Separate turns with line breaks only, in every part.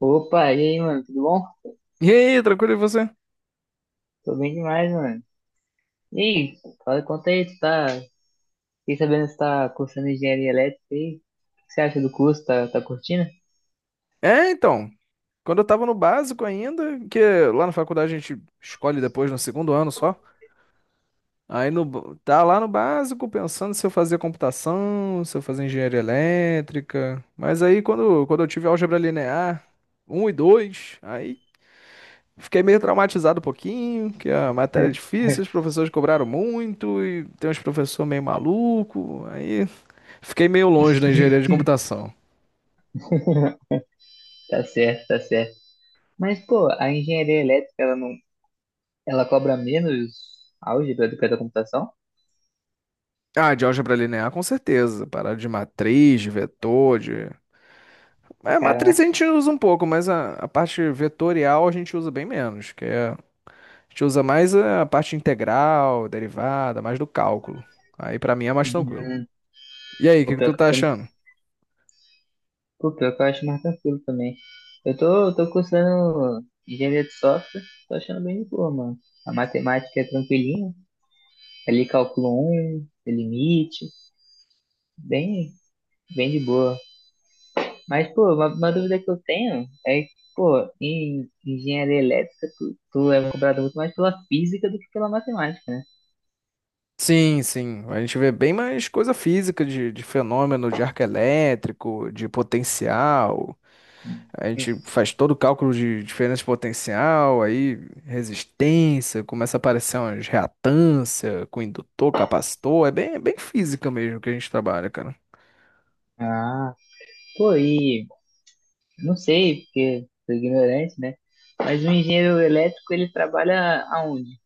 Opa, e aí, mano, tudo bom?
E aí, tranquilo, e você?
Tô bem demais, mano. E aí, fala, conta aí, tu tá. Fiquei sabendo que você tá cursando engenharia elétrica aí. O que você acha do curso? Tá curtindo?
É, então, quando eu tava no básico ainda, que lá na faculdade a gente escolhe depois no 2º ano só. Aí no, b- Tá lá no básico pensando se eu fazia computação, se eu fazia engenharia elétrica. Mas aí quando eu tive álgebra linear 1 e 2, aí fiquei meio traumatizado um pouquinho, que a matéria é
Hum.
difícil, os professores cobraram muito e tem uns professores meio maluco. Aí fiquei meio longe da engenharia de computação.
Tá certo, tá certo. Mas, pô, a engenharia elétrica, ela não. Ela cobra menos álgebra do que a da computação?
Ah, de álgebra linear, com certeza. Parada de matriz, de vetor, de... É, matriz a
Caraca.
gente usa um pouco, mas a parte vetorial a gente usa bem menos, que é... A gente usa mais a parte integral, derivada, mais do cálculo. Aí pra mim é mais tranquilo.
Hum,
E aí, o
Pô,
que que tu
pior que eu,
tá achando?
pô, pior que eu acho mais tranquilo também. Eu tô cursando engenharia de software, tô achando bem de boa, mano. A matemática é tranquilinha. Ali, cálculo um, limite, bem, bem de boa. Mas, pô, uma dúvida que eu tenho é que, pô, em engenharia elétrica, tu é cobrado muito mais pela física do que pela matemática, né?
Sim, sim. A gente vê bem mais coisa física, de fenômeno de arco elétrico, de potencial. A gente faz todo o cálculo de diferença de potencial, aí resistência, começa a aparecer umas reatância com indutor, capacitor, é bem física mesmo que a gente trabalha, cara.
Ah, pô, e não sei, porque sou ignorante, né? Mas o engenheiro elétrico, ele trabalha aonde?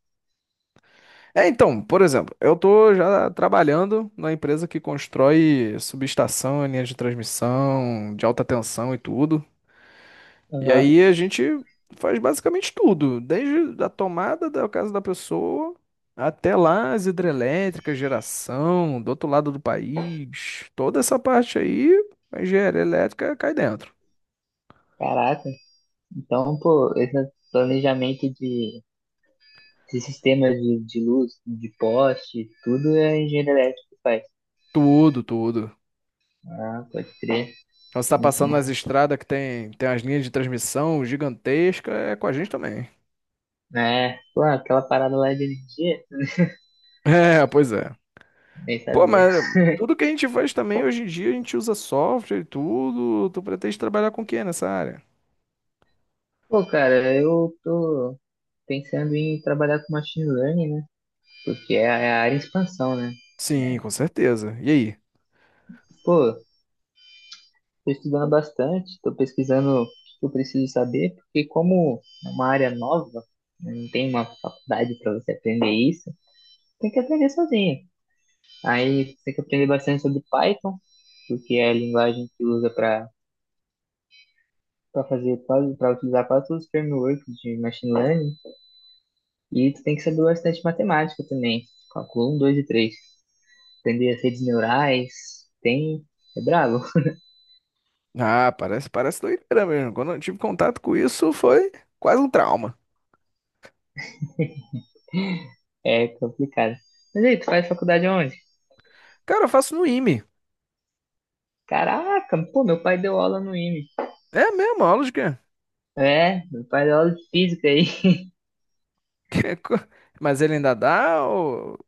É, então, por exemplo, eu tô já trabalhando na empresa que constrói subestação, linha de transmissão, de alta tensão e tudo. E
Aham.
aí a gente faz basicamente tudo, desde a tomada da casa da pessoa até lá as hidrelétricas, geração, do outro lado do país, toda essa parte aí, a engenharia elétrica cai dentro.
Caraca, então, pô, esse planejamento de, sistemas de luz, de poste, tudo é engenheiro elétrico que faz.
Tudo, tudo.
Ah, pode crer.
Então, você está passando nas
Uhum.
estradas que tem, tem as linhas de transmissão gigantescas, é com a gente também.
É, pô, aquela parada lá de energia,
É, pois é.
nem
Pô,
sabia.
mas tudo que a gente faz também, hoje em dia, a gente usa software e tudo. Tu pretende trabalhar com o quê nessa área?
Pô, cara, eu tô pensando em trabalhar com machine learning, né? Porque é a área em expansão, né?
Sim, com
É.
certeza. E aí?
Pô, tô estudando bastante, tô pesquisando o que eu preciso saber, porque como é uma área nova, né, não tem uma faculdade para você aprender isso, tem que aprender sozinho. Aí tem que aprender bastante sobre Python, porque é a linguagem que usa para fazer quase, para utilizar quase todos os frameworks de machine learning. E tu tem que saber bastante matemática também. Calcula um, dois e três. Aprender as redes neurais. Tem. É brabo.
Ah, parece, parece doideira mesmo. Quando eu tive contato com isso, foi quase um trauma.
É complicado. Mas aí, tu faz faculdade onde?
Cara, eu faço no IME.
Caraca, pô, meu pai deu aula no IME.
É mesmo, aula de quê?
É, meu pai deu aula de física aí.
co- Mas ele ainda dá ou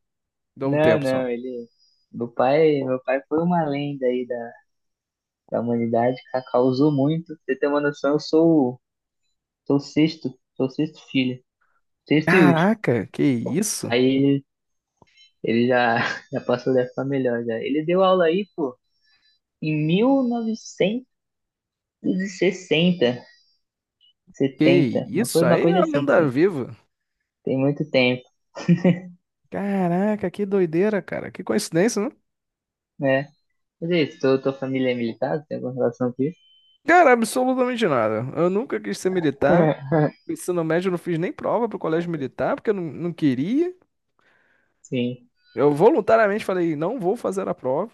dá um
Não,
tempo só?
não, ele. Meu pai foi uma lenda aí da, humanidade, causou muito. Pra você ter uma noção, sou o sexto, sou o sexto filho, sexto e último.
Caraca, que isso?
Aí ele já, já passou dessa melhor já. Ele deu aula aí, pô, em mil novecentos e sessenta
Que
setenta uma
isso?
coisa, uma
Aí é
coisa
uma
assim,
lenda
tem,
viva.
tem muito tempo,
Caraca, que doideira, cara. Que coincidência, né?
né? Mas é isso, tua família é militar, tem alguma relação com isso?
Cara, absolutamente nada. Eu nunca quis ser militar. No ensino médio, eu não fiz nem prova pro colégio militar, porque eu não queria.
Sim,
Eu voluntariamente falei, não vou fazer a prova.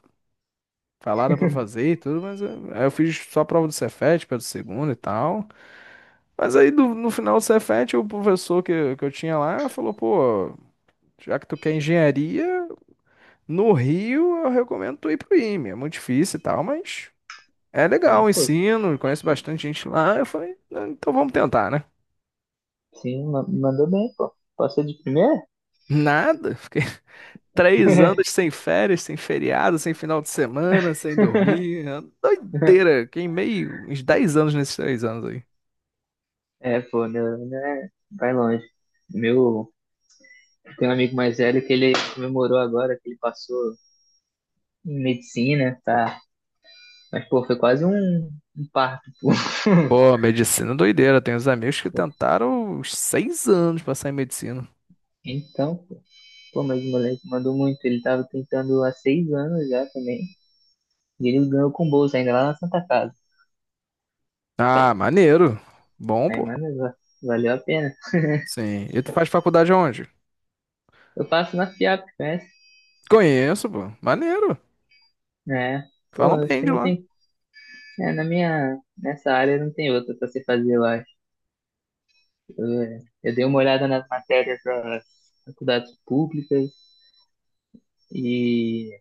Falaram pra fazer e tudo, aí eu fiz só a prova do Cefet, pelo segundo e tal. Mas aí no final do Cefet, o professor que eu tinha lá falou, pô, já que tu quer engenharia, no Rio eu recomendo tu ir pro IME. É muito difícil e tal, mas é legal
é,
o
pô,
ensino, conheço bastante gente lá. Eu falei, "Ah, então vamos tentar, né?
sim, mandou bem, pô. Passou de primeira?
Nada, fiquei 3 anos sem férias, sem feriado, sem final de semana, sem dormir. É uma doideira, queimei uns 10 anos nesses 3 anos aí.
É, pô, meu, né, vai longe. Meu, tem um amigo mais velho que ele comemorou agora, que ele passou em medicina, tá? Mas, pô, foi quase um parto, pô.
Pô, medicina é doideira. Tem uns amigos que tentaram uns 6 anos pra sair em medicina.
Então, pô, mas o moleque mandou muito. Ele tava tentando há 6 anos já também. E ele ganhou com bolsa ainda lá na Santa Casa.
Ah, maneiro. Bom,
Aí,
pô.
mano, valeu a pena.
Sim. E tu faz faculdade aonde?
Eu faço na FIAP, conhece?
Conheço, pô. Maneiro.
É. Pô,
Falam
acho
bem
que
de
não
lá.
tem. É, na minha. Nessa área não tem outra pra você fazer, eu acho. Eu, eu dei uma olhada nas matérias das faculdades públicas e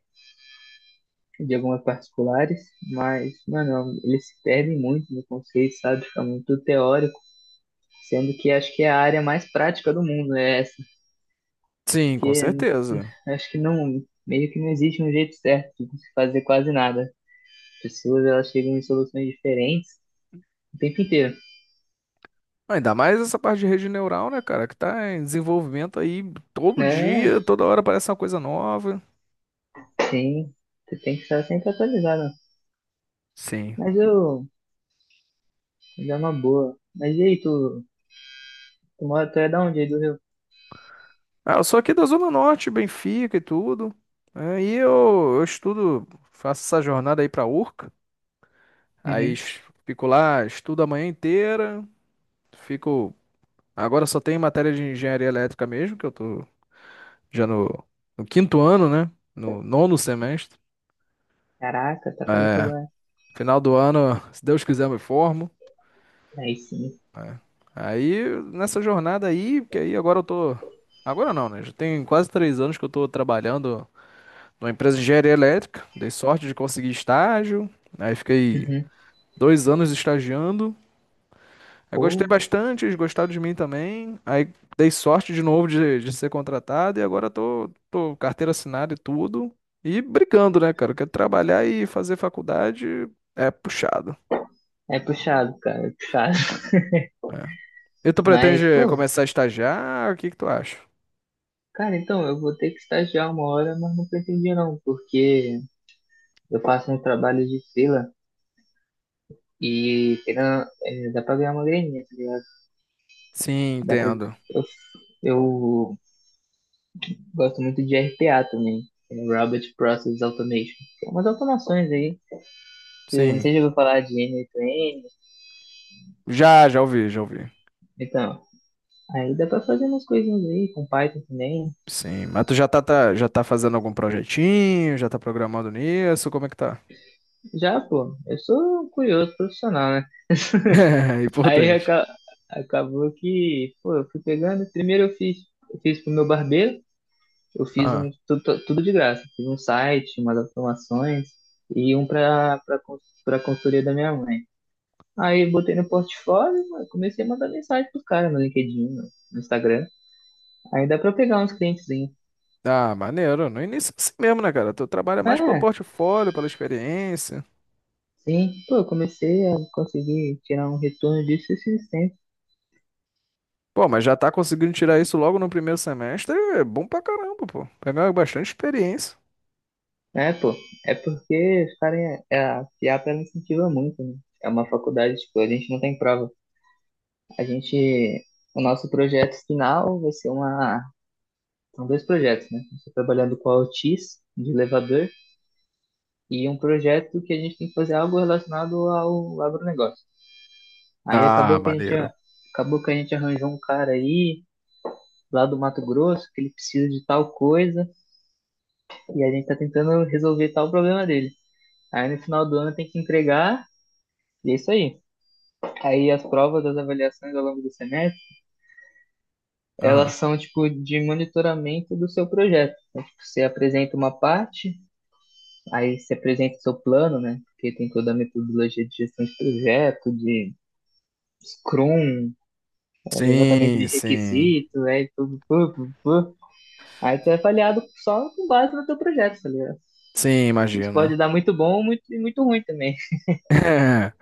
de algumas particulares, mas, mano, eles se perdem muito no conceito, sabe? Fica muito teórico. Sendo que acho que é a área mais prática do mundo, é essa.
Sim, com
Porque
certeza.
acho que não, meio que não existe um jeito certo de se fazer quase nada. As pessoas, elas chegam em soluções diferentes o tempo inteiro.
Ainda mais essa parte de rede neural, né, cara? Que tá em desenvolvimento aí todo
É,
dia, toda hora aparece uma coisa nova.
sim, você tem que estar sempre atualizado.
Sim.
Mas eu, mas é uma boa. Mas e aí, tu é da onde aí do Rio?
Ah, eu sou aqui da Zona Norte, Benfica e tudo. É, e eu estudo, faço essa jornada aí pra URCA. Aí
Uhum.
es- Fico lá, estudo a manhã inteira, fico. Agora só tem matéria de engenharia elétrica mesmo, que eu tô já no 5º ano, né? No 9º semestre.
Caraca, tá quase
É,
acabando.
final do ano, se Deus quiser, eu me formo.
Aí sim.
É. Aí, nessa jornada aí, porque aí agora eu tô. Agora não, né? Já tem quase 3 anos que eu tô trabalhando numa empresa de engenharia elétrica. Dei sorte de conseguir estágio. Aí fiquei
Uhum.
2 anos estagiando. Aí gostei
Pô,
bastante, eles gostaram de mim também. Aí dei sorte de novo de ser contratado e agora tô carteira assinada e tudo. E brigando, né, cara? Quero trabalhar e fazer faculdade é puxado.
é puxado, cara, é puxado.
É. E tu
Mas,
pretende
pô,
começar a estagiar? O que que tu acha?
cara, então eu vou ter que estagiar uma hora, mas não pretendia não, porque eu faço um trabalho de fila e querendo, é, dá pra ganhar uma graninha, tá ligado?
Sim,
Dá pra,
entendo.
eu, gosto muito de RPA também, é Robot Process Automation. Tem umas automações aí, não sei
Sim.
se eu vou falar de N8N,
Já ouvi, já ouvi.
então, aí dá pra fazer umas coisinhas aí com Python também.
Sim, mas tu já tá fazendo algum projetinho? Já tá programando nisso? Como é que tá?
Já, pô, eu sou um curioso profissional, né?
É,
Aí
importante.
acabou que, pô, eu fui pegando, primeiro eu fiz pro meu barbeiro, eu fiz um tudo, tudo de graça. Fiz um site, umas automações e um para consultoria da minha mãe. Aí botei no portfólio, mano, comecei a mandar mensagem pros caras no LinkedIn, no Instagram. Aí dá para pegar uns clientezinhos.
Ah, maneiro. No início é assim mesmo, né, cara? Tu trabalha mais pelo
É,
portfólio, pela experiência.
sim. Pô, eu comecei a conseguir tirar um retorno disso esses tempos.
Pô, mas já tá conseguindo tirar isso logo no primeiro semestre, é bom pra caramba, pô. Pegar bastante experiência.
É, pô, é porque os caras, é, a FIAP ela incentiva muito, né? É uma faculdade, tipo, a gente não tem prova. A gente, o nosso projeto final vai ser uma. São dois projetos, né? Eu estou trabalhando com a Otis, de elevador, e um projeto que a gente tem que fazer algo relacionado ao agronegócio. Aí
Ah, maneiro.
acabou que a gente arranjou um cara aí, lá do Mato Grosso, que ele precisa de tal coisa, e a gente está tentando resolver tal problema dele. Aí no final do ano tem que entregar, e é isso aí. Aí as provas das avaliações ao longo do semestre,
Aham.
elas são tipo de monitoramento do seu projeto. Então, tipo, você apresenta uma parte, aí você apresenta seu plano, né? Porque tem toda a metodologia de gestão de projeto, de Scrum, é, levantamento de
Sim, sim.
requisitos, aí tudo, tudo, tudo. Aí tu é avaliado só com base no teu projeto, tá ligado?
Sim,
Isso
imagino.
pode dar muito bom ou muito, muito ruim também.
É.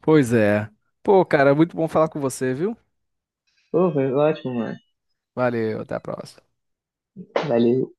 Pois é. Pô, cara, muito bom falar com você, viu?
Pô, foi ótimo, mano.
Valeu, até a próxima.
Vale,